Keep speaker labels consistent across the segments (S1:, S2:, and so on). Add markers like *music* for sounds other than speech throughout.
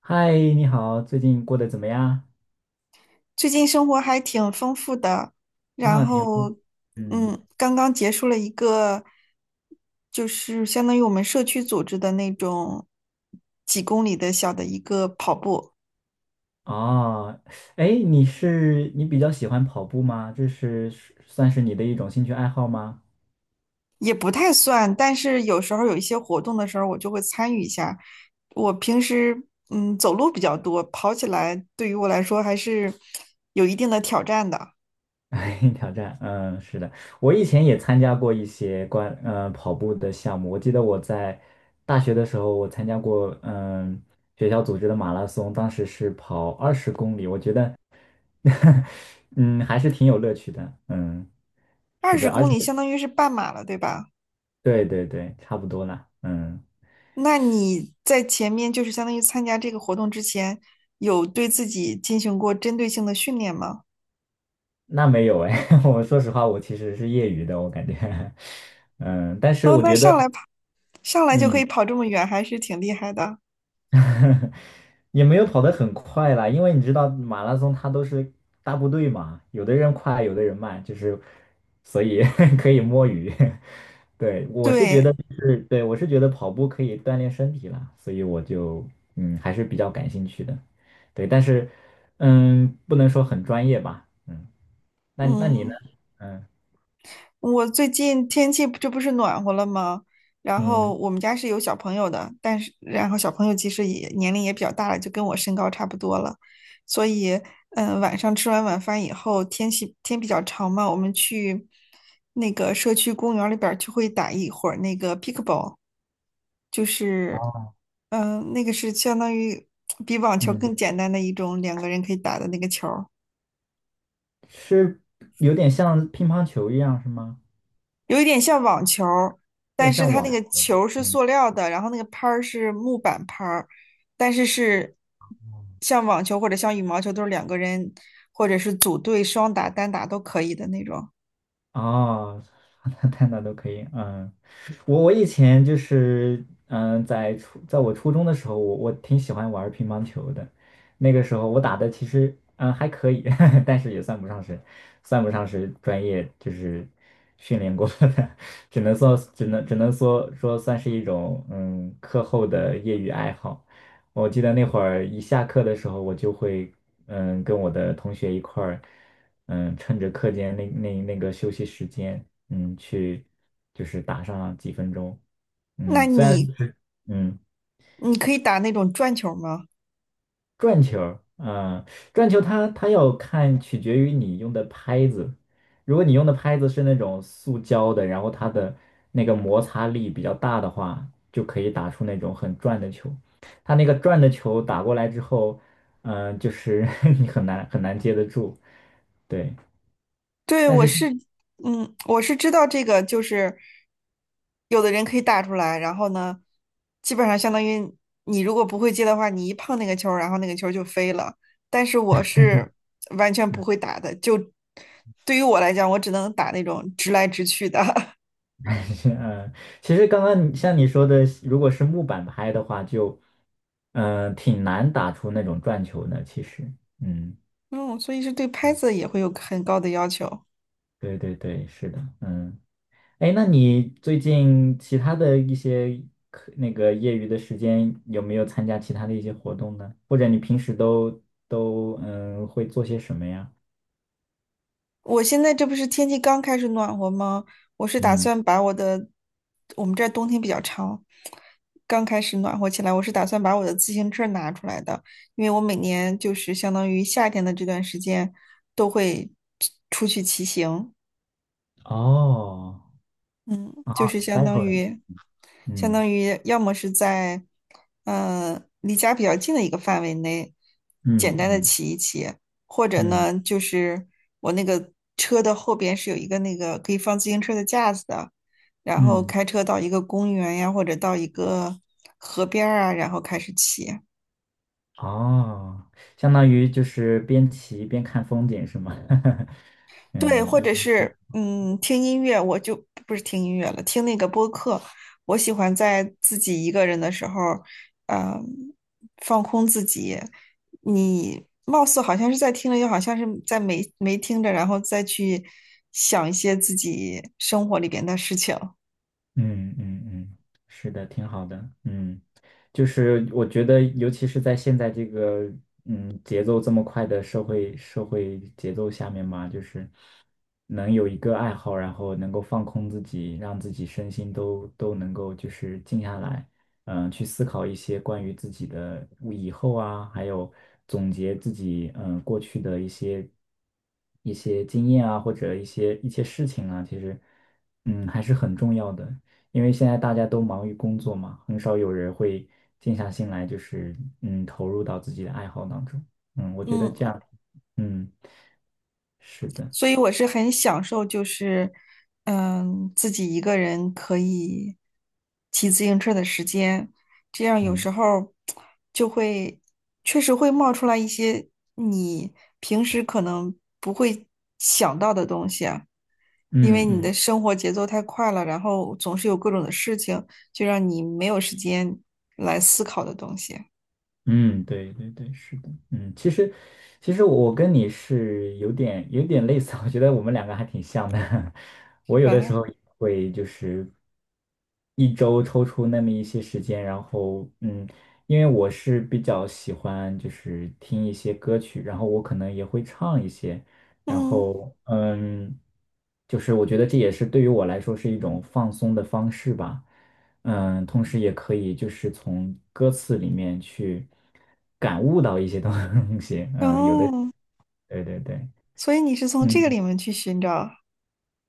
S1: 嗨，你好，最近过得怎么样？
S2: 最近生活还挺丰富的，然
S1: 啊，挺不，
S2: 后，
S1: 嗯，
S2: 刚刚结束了一个，就是相当于我们社区组织的那种几公里的小的一个跑步，
S1: 哦，哎，你比较喜欢跑步吗？算是你的一种兴趣爱好吗？
S2: 也不太算，但是有时候有一些活动的时候，我就会参与一下。我平时走路比较多，跑起来对于我来说还是有一定的挑战的。
S1: *laughs* 哎，挑战，是的，我以前也参加过一些跑步的项目。我记得我在大学的时候，我参加过学校组织的马拉松，当时是跑二十公里，我觉得 *laughs* 嗯还是挺有乐趣的，
S2: 二
S1: 是
S2: 十
S1: 的，而
S2: 公
S1: 且。
S2: 里相当于是半马了，对吧？
S1: 对对对，差不多啦。嗯，
S2: 那你在前面就是相当于参加这个活动之前，有对自己进行过针对性的训练吗？
S1: 那没有哎，*laughs* 我说实话，我其实是业余的，我感觉，*laughs* 嗯，但是
S2: 哦，
S1: 我
S2: 那
S1: 觉得，
S2: 上来跑，上来就可
S1: 嗯，
S2: 以跑这么远，还是挺厉害的。
S1: *laughs* 也没有跑得很快啦，因为你知道马拉松它都是大部队嘛，有的人快，有的人慢，就是所以 *laughs* 可以摸鱼。*laughs* 对，我是觉得
S2: 对，
S1: 就是对，我是觉得跑步可以锻炼身体啦，所以我就还是比较感兴趣的。对，但是不能说很专业吧。嗯。那你呢？
S2: 嗯。
S1: 嗯
S2: 我最近天气不这不是暖和了吗？然后
S1: 嗯
S2: 我们家是有小朋友的，但是然后小朋友其实也年龄也比较大了，就跟我身高差不多了，所以晚上吃完晚饭以后，天气天比较长嘛，我们去那个社区公园里边儿就会打一会儿那个 pickleball,就是那个是相当于比网球更
S1: 嗯，
S2: 简单的一种两个人可以打的那个球儿。
S1: 是有点像乒乓球一样是吗？
S2: 有一点像网球儿
S1: 有
S2: 但
S1: 点
S2: 是
S1: 像
S2: 它
S1: 网
S2: 那个
S1: 球。
S2: 球儿是
S1: 嗯。
S2: 塑料的，然后那个拍儿是木板拍儿，但是是像网球或者像羽毛球都是两个人或者是组队双打、单打都可以的那种。
S1: 哦，那太难都可以，我以前就是，在我初中的时候，我挺喜欢玩乒乓球的，那个时候我打的其实还可以，*laughs* 但是也算不上是专业，就是训练过的，*laughs* 只能说算是一种课后的业余爱好。我记得那会儿一下课的时候，我就会跟我的同学一块儿。趁着课间那个休息时间，去就是打上几分钟，
S2: 那你
S1: 嗯，
S2: 你可以打那种转球吗？
S1: 转球儿，转球它取决于你用的拍子，如果你用的拍子是那种塑胶的，然后它的那个摩擦力比较大的话，就可以打出那种很转的球。它那个转的球打过来之后，就是 *laughs* 你很难很难接得住，对。
S2: 对，
S1: 但
S2: 我
S1: 是
S2: 是，嗯，我是知道这个，就是有的人可以打出来，然后呢，基本上相当于你如果不会接的话，你一碰那个球儿然后那个球儿就飞了。但是我是完全不会打的，就对于我来讲，我只能打那种直来直去的。*laughs*
S1: *laughs* 嗯，其实刚刚像你说的，如果是木板拍的话，就挺难打出那种转球的。其实，嗯，
S2: 嗯，所以是对拍子也会有很高的要求。
S1: 对对对，是的，哎，那你最近其他的一些那个业余的时间有没有参加其他的一些活动呢？或者你平时都会做些什么呀？
S2: 我现在这不是天气刚开始暖和吗？我是打
S1: 嗯，
S2: 算把我的，我们这儿冬天比较长，刚开始暖和起来，我是打算把我的自行车拿出来的，因为我每年就是相当于夏天的这段时间都会出去骑行。
S1: 哦，
S2: 嗯，就
S1: 啊
S2: 是相当
S1: ，cycling，
S2: 于，相
S1: 嗯
S2: 当于要么是在，嗯、离家比较近的一个范围内，简
S1: 嗯
S2: 单的
S1: 嗯
S2: 骑一骑，或者
S1: 嗯嗯。
S2: 呢，就是我那个车的后边是有一个那个可以放自行车的架子的，然后
S1: 嗯
S2: 开车到一个公园呀，或者到一个河边儿啊，然后开始骑。
S1: 哦，相当于就是边骑边看风景是吗？*laughs*
S2: 对，
S1: 嗯，
S2: 或者是听音乐，我就不是听音乐了，听那个播客。我喜欢在自己一个人的时候，嗯，放空自己。你貌似好像是在听着，又好像是在没听着，然后再去想一些自己生活里边的事情。
S1: 嗯嗯嗯，是的，挺好的。嗯，就是我觉得，尤其是在现在这个节奏这么快的社会节奏下面嘛，就是能有一个爱好，然后能够放空自己，让自己身心都能够就是静下来，去思考一些关于自己的以后啊，还有总结自己过去的一些经验啊，或者一些事情啊，其实还是很重要的。因为现在大家都忙于工作嘛，很少有人会静下心来，就是投入到自己的爱好当中。我觉得
S2: 嗯。
S1: 这样，嗯，是的，
S2: 所以我是很享受，就是自己一个人可以骑自行车的时间，这样有
S1: 嗯
S2: 时候就会确实会冒出来一些你平时可能不会想到的东西啊，因为
S1: 嗯
S2: 你的
S1: 嗯
S2: 生活节奏太快了，然后总是有各种的事情，就让你没有时间来思考的东西，
S1: 嗯，对对对，是的，其实我跟你是有点类似，我觉得我们两个还挺像的。*laughs*
S2: 是
S1: 我有的时
S2: 吧？
S1: 候也会就是一周抽出那么一些时间，然后因为我是比较喜欢就是听一些歌曲，然后我可能也会唱一些，然
S2: 嗯，
S1: 后就是我觉得这也是对于我来说是一种放松的方式吧。同时也可以就是从歌词里面去感悟到一些东西，有的，
S2: 哦，
S1: 对对对，
S2: 所以你是从这个
S1: 嗯，
S2: 里面去寻找。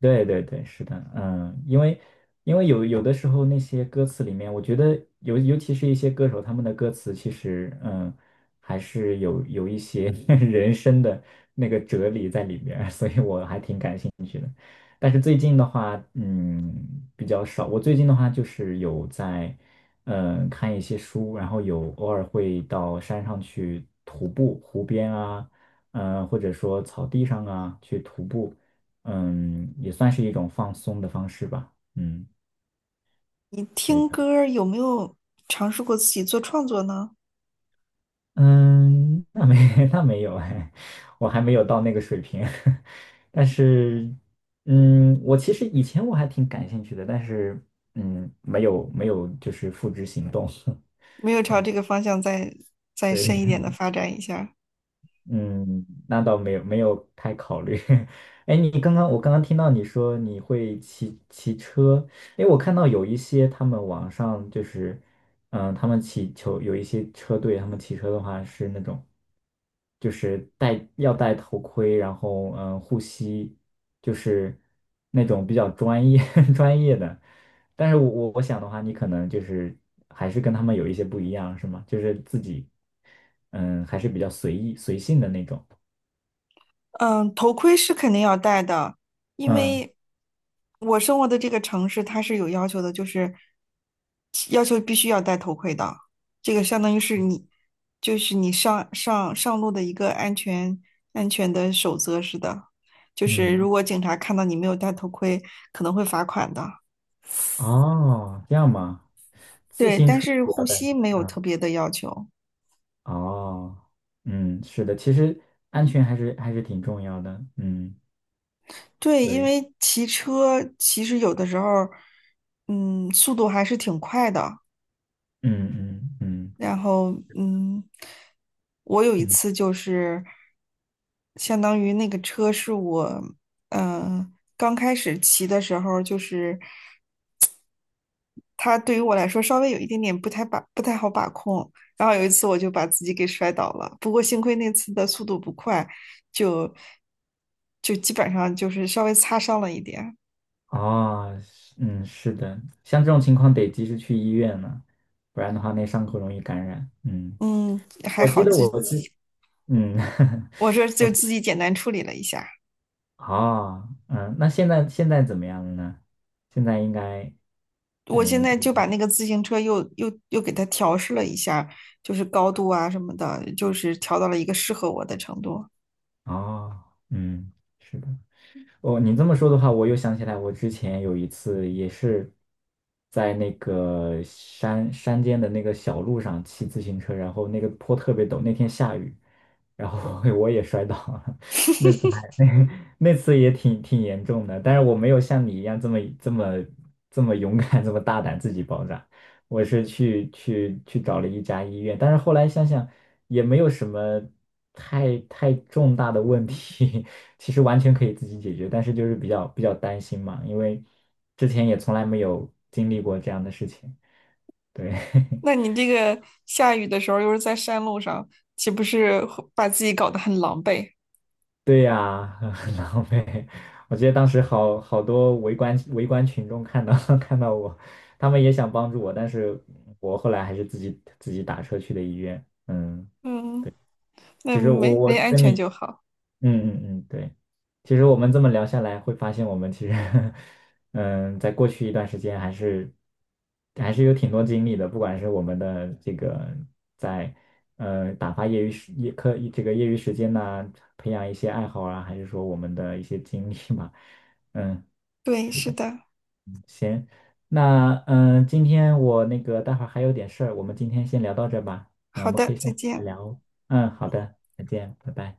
S1: 对对对，是的，因为有的时候那些歌词里面，我觉得尤其是一些歌手他们的歌词，其实还是有一些 *laughs* 人生的那个哲理在里边儿所以我还挺感兴趣。但是最近的话，比较少。我最近的话就是有在，看一些书，然后有偶尔会到山上去徒步，湖边啊，或者说草地上啊去徒步，也算是一种放松的方式吧。嗯，
S2: 你
S1: 对
S2: 听歌儿有没有尝试过自己做创作呢？
S1: 嗯，那没 *laughs* 那没有哎，我还没有到那个水平。*laughs* 但是，我其实以前我还挺感兴趣的，但是，没有就是付之行动。
S2: 没有
S1: *laughs*
S2: 朝
S1: 对
S2: 这个方向再深
S1: 对，
S2: 一点的发展一下。
S1: 嗯，那倒没有太考虑。*laughs* 哎，你刚刚我刚刚听到你说你会骑车，哎，我看到有一些他们网上就是，他们有一些车队，他们骑车的话是那种，就是要戴头盔，然后护膝，就是那种比较专业 *laughs* 专业的。但是我想的话，你可能就是还是跟他们有一些不一样，是吗？就是自己，还是比较随意随性的那种。
S2: 嗯，头盔是肯定要戴的，因
S1: 嗯
S2: 为我生活的这个城市它是有要求的，就是要求必须要戴头盔的。这个相当于是你，就是你上路的一个安全的守则似的，就是如
S1: 嗯，
S2: 果警察看到你没有戴头盔，可能会罚款的。
S1: 哦，这样吗？
S2: 对，但是
S1: 不
S2: 护
S1: 要带。
S2: 膝没有
S1: 嗯，
S2: 特别的要求。
S1: 哦，嗯，是的，其实安全还是挺重要的。嗯，
S2: 对，因
S1: 对，
S2: 为骑车其实有的时候，速度还是挺快的。
S1: 嗯嗯嗯
S2: 然后，我有一
S1: 嗯，
S2: 次就是相当于那个车是我，刚开始骑的时候就是。它对于我来说稍微有一点点不太好把控。然后有一次我就把自己给摔倒了，不过幸亏那次的速度不快，就就基本上就是稍微擦伤了一点。
S1: 哦，是嗯，是的，像这种情况得及时去医院了，不然的话那伤口容易感染。嗯，
S2: 嗯，还
S1: 我记
S2: 好
S1: 得
S2: 自
S1: 我之
S2: 己，
S1: 嗯。*laughs*
S2: 我说
S1: 我。
S2: 就自己简单处理了一下。
S1: 啊，那现在怎么样了呢？现在应该，
S2: 我现在
S1: 不
S2: 就把那个自行车又给它调试了一下，就是高度啊什么的，就是调到了一个适合我的程度。
S1: 哦，嗯，是的。哦，你这么说的话，我又想起来，我之前有一次也是在那个山间的那个小路上骑自行车，然后那个坡特别陡，那天下雨，然后 *laughs* 我也摔倒了。
S2: *laughs*
S1: *laughs* 那次也挺严重的，但是我没有像你一样这么勇敢，这么大胆自己包扎。我是去找了一家医院，但是后来想想也没有什么太重大的问题，*laughs* 其实完全可以自己解决，但是就是比较担心嘛，因为之前也从来没有经历过这样的事情。对，*laughs*
S2: 那你这个下雨的时候又是在山路上，岂不是会把自己搞得很狼狈？
S1: 对呀、*laughs* 很狼狈。我记得当时好多围观群众看到 *laughs* 看到我，他们也想帮助我，但是我后来还是自己打车去的医院。嗯，
S2: 嗯，那
S1: 其实我
S2: 没
S1: 我
S2: 没安
S1: 跟
S2: 全
S1: 你
S2: 就好。
S1: 嗯嗯嗯，对。其实我们这么聊下来，会发现我们其实，*laughs* 嗯，在过去一段时间还是有挺多经历的，不管是我们的这个在呃打发业余时业课这个业余时间呐、培养一些爱好啊，还是说我们的一些经历嘛，嗯，
S2: 对，是的。
S1: 行，那今天我那个待会儿还有点事儿，我们今天先聊到这儿吧。嗯，我
S2: 好
S1: 们可
S2: 的，
S1: 以下
S2: 再
S1: 次再
S2: 见。
S1: 聊哦。嗯，好的，再见，拜拜。